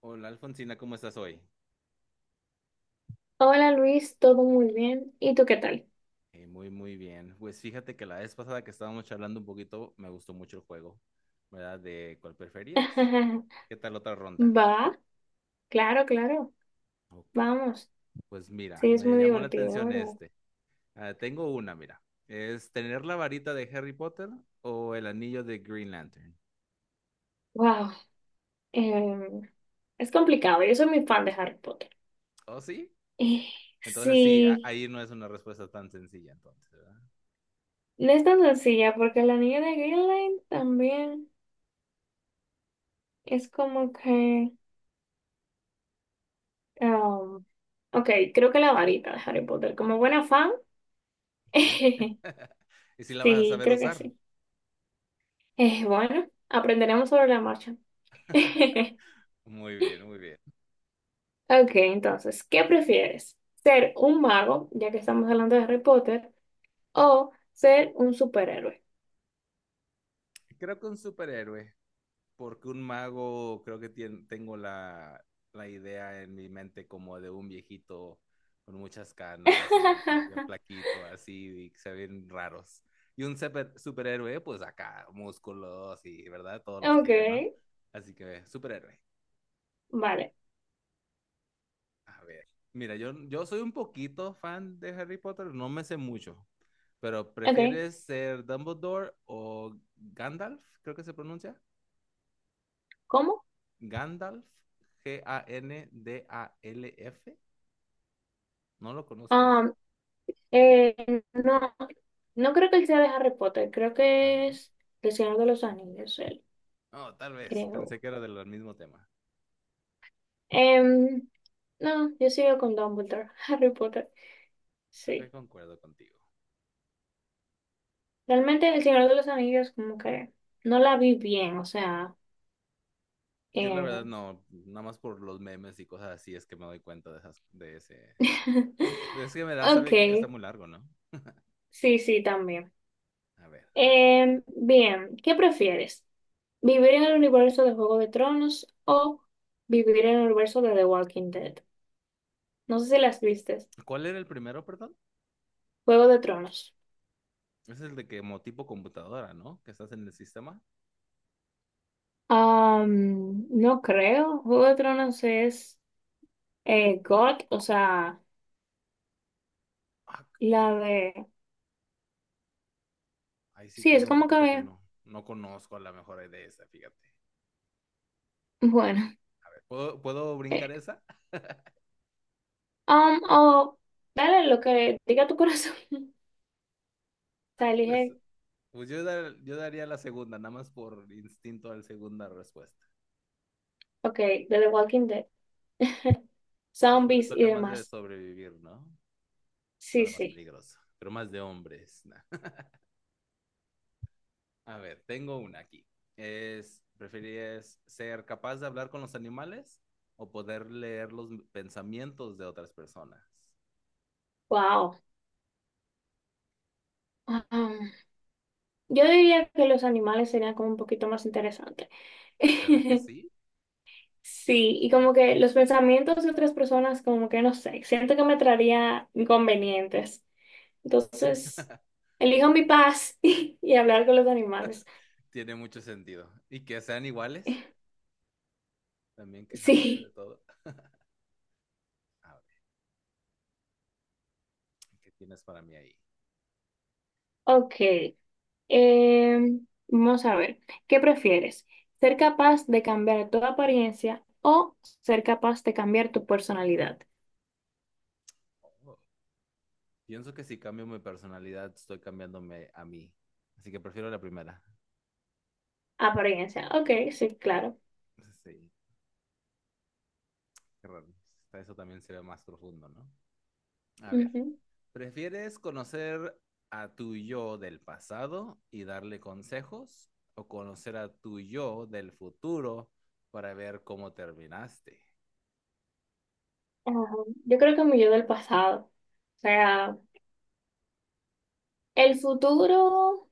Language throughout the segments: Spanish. Hola Alfonsina, ¿cómo estás hoy? Hola Luis, todo muy bien. ¿Y tú qué tal? Muy, muy bien. Pues fíjate que la vez pasada que estábamos charlando un poquito, me gustó mucho el juego, ¿verdad? De cuál preferías. ¿Qué tal otra ronda? Va, claro, claro. Ok. Vamos. Pues mira, Sí, es me muy llamó la divertido, atención ¿verdad? este. Ah, tengo una, mira. ¿Es tener la varita de Harry Potter o el anillo de Green Lantern? Wow, es complicado. Yo soy muy fan de Harry Potter. ¿Oh, sí? Eh, Entonces sí, sí, ahí no es una respuesta tan sencilla, entonces, ¿verdad? no es tan sencilla porque la niña de Greenland también es como que... um, ok, creo que la varita de Harry Potter. Como buena fan, Sí. ¿Y si la vas a sí, saber creo que usar? sí. Bueno, aprenderemos sobre la marcha. Muy bien, muy bien. Ok, entonces, ¿qué prefieres? ¿Ser un mago, ya que estamos hablando de Harry Potter, o ser un superhéroe? Creo que un superhéroe, porque un mago creo que tengo la idea en mi mente como de un viejito con muchas canas y bien plaquito así y se ven raros. Y un superhéroe, pues acá, músculos y, ¿verdad? Todos los Ok, quieren, ¿no? Así que, superhéroe. vale. A ver, mira, yo soy un poquito fan de Harry Potter, no me sé mucho, pero Ok, ¿prefieres ser Dumbledore o Gandalf? Creo que se pronuncia. ¿cómo? Gandalf, Gandalf. No lo conozco eso. Am, eh, no, no creo que él sea de Harry Potter, creo Ah, que no. es del Señor de los Anillos, él, No, tal vez. creo. Pensé que era del mismo tema. Em, no, yo sigo con Dumbledore, Harry Potter, Creo que sí. concuerdo contigo. Realmente el Señor de los Anillos como que no la vi bien, o sea, Yo la eh, verdad no, nada más por los memes y cosas así es que me doy cuenta de esas, de ese. Es que me da Ok, saber que está muy largo, ¿no? sí, sí, también. A ver, a ver. Bien, ¿qué prefieres? ¿Vivir en el universo de Juego de Tronos o vivir en el universo de The Walking Dead? No sé si las vistes. ¿Cuál era el primero, perdón? Juego de Tronos. Es el de que como tipo computadora, ¿no? Que estás en el sistema. Am, no creo. Juego de Tronos es God, o sea, Ah, caray. la de... Ahí sí Sí, es quedó un como poquito que que... no. No conozco a la mejor de esa, fíjate. Bueno. ¿Puedo, ¿puedo brincar eh, esa? O dale lo que diga tu corazón. O sea, Ay, pues, elige, pues yo, yo daría la segunda, nada más por instinto a la segunda respuesta. ok, de The Walking Dead. Si suena, Zombies y suena más de demás. sobrevivir, ¿no? Sí, Suena más sí. peligroso, pero más de hombres. Nah. A ver, tengo una aquí. ¿Preferirías ser capaz de hablar con los animales o poder leer los pensamientos de otras personas? Wow. Um, yo diría que los animales serían como un poquito más interesantes. ¿Verdad que sí? Sí, y ¿Verdad como que- que los pensamientos de otras personas, como que no sé, siento que me traería inconvenientes. Entonces, elijo Ok. mi paz y hablar con los animales. Tiene mucho sentido. Y que sean iguales, también quejándose de Sí, todo. A ver, ¿qué tienes para mí ahí? ok. Vamos a ver, ¿qué prefieres? ¿Ser capaz de cambiar tu apariencia o ser capaz de cambiar tu personalidad? Oh. Pienso que si cambio mi personalidad, estoy cambiándome a mí. Así que prefiero la primera. Apariencia. Ok, sí, claro. Sí, qué raro. Hasta eso también se ve más profundo, ¿no? A ver, Ujú. ¿prefieres conocer a tu yo del pasado y darle consejos o conocer a tu yo del futuro para ver cómo terminaste? Ajá. Yo creo que mi yo del pasado. O sea, el futuro,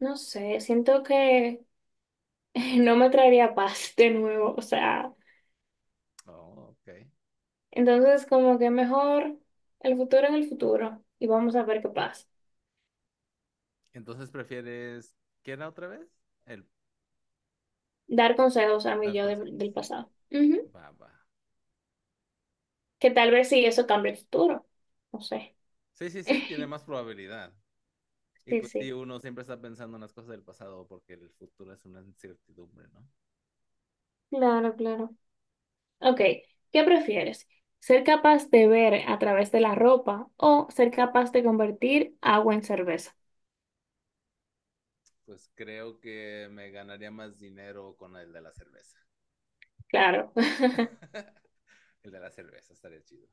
no sé, siento que no me traería paz de nuevo. O sea, Oh, ok. entonces como que mejor el futuro en el futuro y vamos a ver qué pasa. Entonces prefieres, ¿qué era otra vez? El Dar consejos a mi dar yo del consejos. del pasado. Ujú. Va, va. Que tal vez sí eso cambie el futuro. No sé. Sí, sí, sí, tiene más probabilidad. Y Sí, pues sí, sí. uno siempre está pensando en las cosas del pasado porque el futuro es una incertidumbre, ¿no? Claro, claro. Ok, ¿qué prefieres? ¿Ser capaz de ver a través de la ropa o ser capaz de convertir agua en cerveza? Pues creo que me ganaría más dinero con el de la cerveza. Claro. El de la cerveza estaría chido.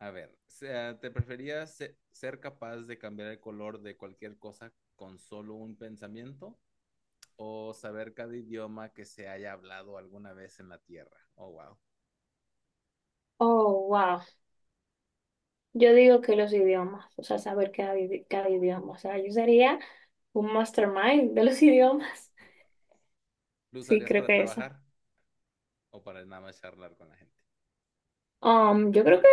A ver, sea, ¿te preferías ser capaz de cambiar el color de cualquier cosa con solo un pensamiento o saber cada idioma que se haya hablado alguna vez en la Tierra? Oh, wow. Oh, wow. Yo digo que los idiomas, o sea, saber cada, cada idioma. O sea, yo sería un mastermind de los idiomas. ¿Lo Sí, usarías creo para que esa. trabajar o para nada más charlar con la gente? Yo creo que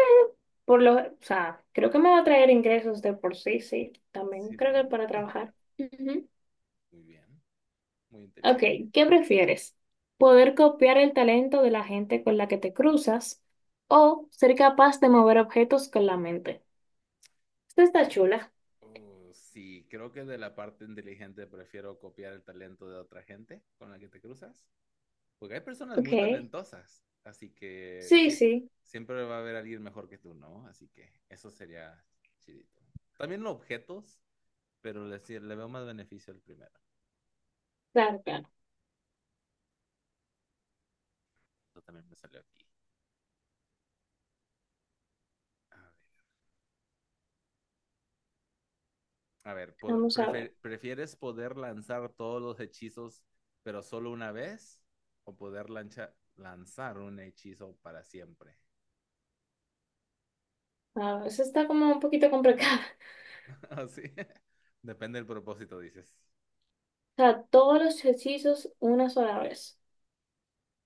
por lo, o sea, creo que me va a traer ingresos de por sí, sí. También Sí, creo ¿no? que para trabajar. Ujú. Muy bien, muy Ok, inteligente. ¿qué prefieres? ¿Poder copiar el talento de la gente con la que te cruzas o ser capaz de mover objetos con la mente? Esta está chula. Sí, creo que de la parte inteligente prefiero copiar el talento de otra gente con la que te cruzas. Porque hay personas Ok, muy talentosas, así que sí, sí, sí, siempre va a haber alguien mejor que tú, ¿no? Así que eso sería chidito. También los objetos, pero le, sí- le veo más beneficio al primero. claro, claro. Esto también me salió aquí. A ver, Vamos a ver. ¿Prefieres poder lanzar todos los hechizos, pero solo una vez? ¿O poder lanzar un hechizo para siempre? A ver, esta está como un poquito complicada. Ah, sí. Depende del propósito, dices. O sea, todos los hechizos una sola vez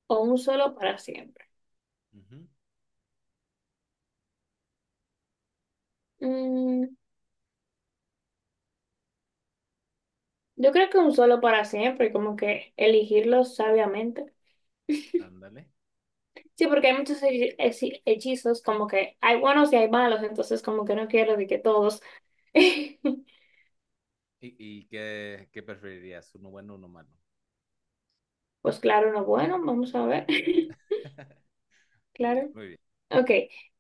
o un solo para siempre. Ujú. Mm, yo creo que un solo para siempre, como que elegirlos sabiamente. Ándale. Sí, porque hay muchos hechizos, como que hay buenos y hay malos, entonces como que no quiero de que todos. ¿Y, y qué, qué preferirías? ¿Uno bueno o uno malo? Pues claro, no, bueno, vamos a ver. Muy bien, Claro. muy bien. Ok,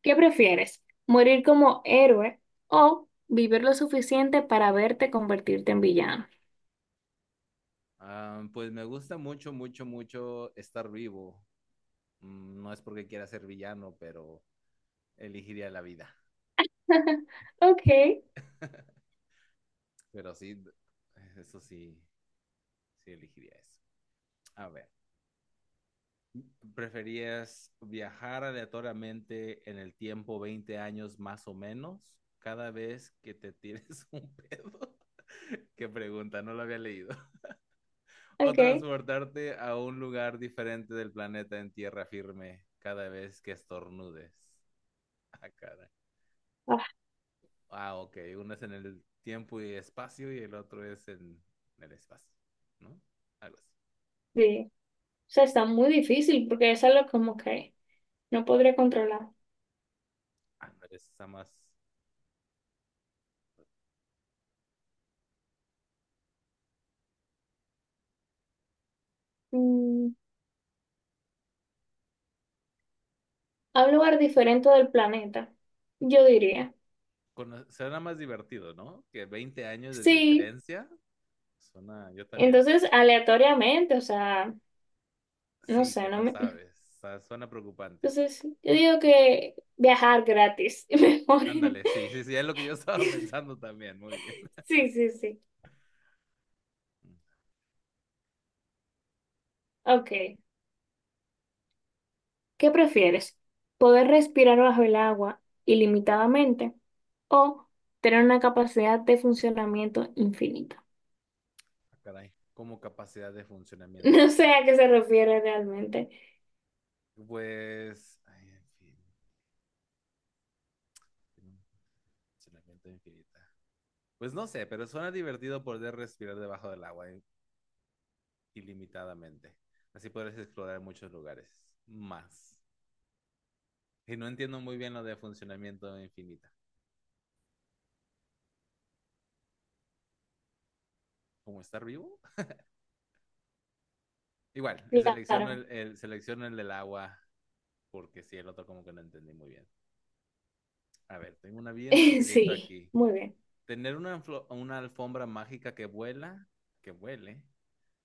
¿qué prefieres? ¿Morir como héroe o vivir lo suficiente para verte convertirte en villano? Ah, pues me gusta mucho, mucho, mucho estar vivo. No es porque quiera ser villano, pero elegiría la vida. Ok, Pero sí, eso sí, sí elegiría eso. A ver, ¿preferías viajar aleatoriamente en el tiempo 20 años más o menos cada vez que te tires un pedo? Qué pregunta, no lo había leído. O ok. transportarte a un lugar diferente del planeta en tierra firme cada vez que estornudes. Ah, caray. Ah, Ah, ok. Uno es en el tiempo y espacio y el otro es en el espacio, ¿no? Algo así. sí. O sea, está muy difícil porque es algo como que no podría controlar. Ah, no, está más... Mm, a un lugar diferente del planeta, yo diría. Suena más divertido, ¿no? Que 20 años de Sí, diferencia. Suena, yo también. entonces aleatoriamente, o sea, no Sí, sé, que no no me, sabes. Suena preocupante. entonces, yo digo que viajar gratis es mejor. Ándale, sí, sí, sí, es lo que yo estaba pensando también. Muy bien. Sí, sí, sí. Ok. ¿Qué prefieres? ¿Poder respirar bajo el agua ilimitadamente o tener una capacidad de funcionamiento infinita? Ah, caray. Como capacidad de funcionamiento, No güey. sé a qué se refiere realmente. Pues. Ay, en fin. Tiene un funcionamiento infinita. Pues no sé, pero suena divertido poder respirar debajo del agua ilimitadamente. Así podrás explorar muchos lugares. Más. Y no entiendo muy bien lo de funcionamiento infinita. ¿Cómo estar vivo? Igual, Claro. Selecciono el del agua porque sí, el otro como que no entendí muy bien. A ver, tengo una bien rapidito Sí, aquí. muy bien. Tener una alfombra mágica que vuela, que vuele,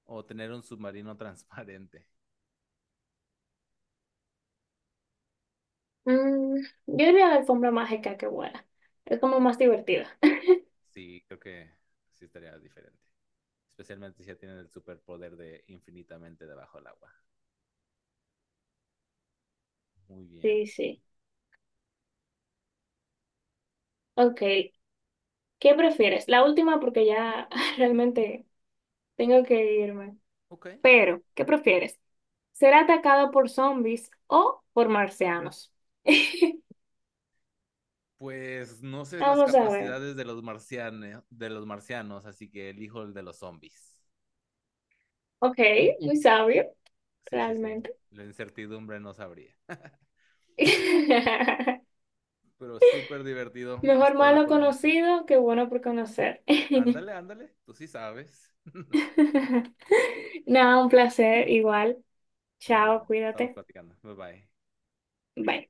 o tener un submarino transparente. Mm, yo diría la alfombra mágica que vuela. Es como más divertida. Sí, creo que sí estaría diferente. Especialmente si ya tienen el superpoder de infinitamente debajo del agua. Muy bien. Sí, sí. Ok. ¿Qué prefieres? La última porque ya realmente tengo que irme. Ok. Pero, ¿qué prefieres? ¿Ser atacado por zombies o por marcianos? Pues no sé las Vamos a ver. capacidades de los marcianos, así que elijo el de los zombies. Ok, muy sabio, Sí, sí, sí. realmente. La incertidumbre no sabría. Pero súper divertido. Mejor Espero lo malo podamos hacer. conocido que bueno por conocer. Ándale, ándale. Tú sí sabes. Nada, un placer, igual. Ah, Chao, bueno. Estamos cuídate. platicando. Bye bye. Bye.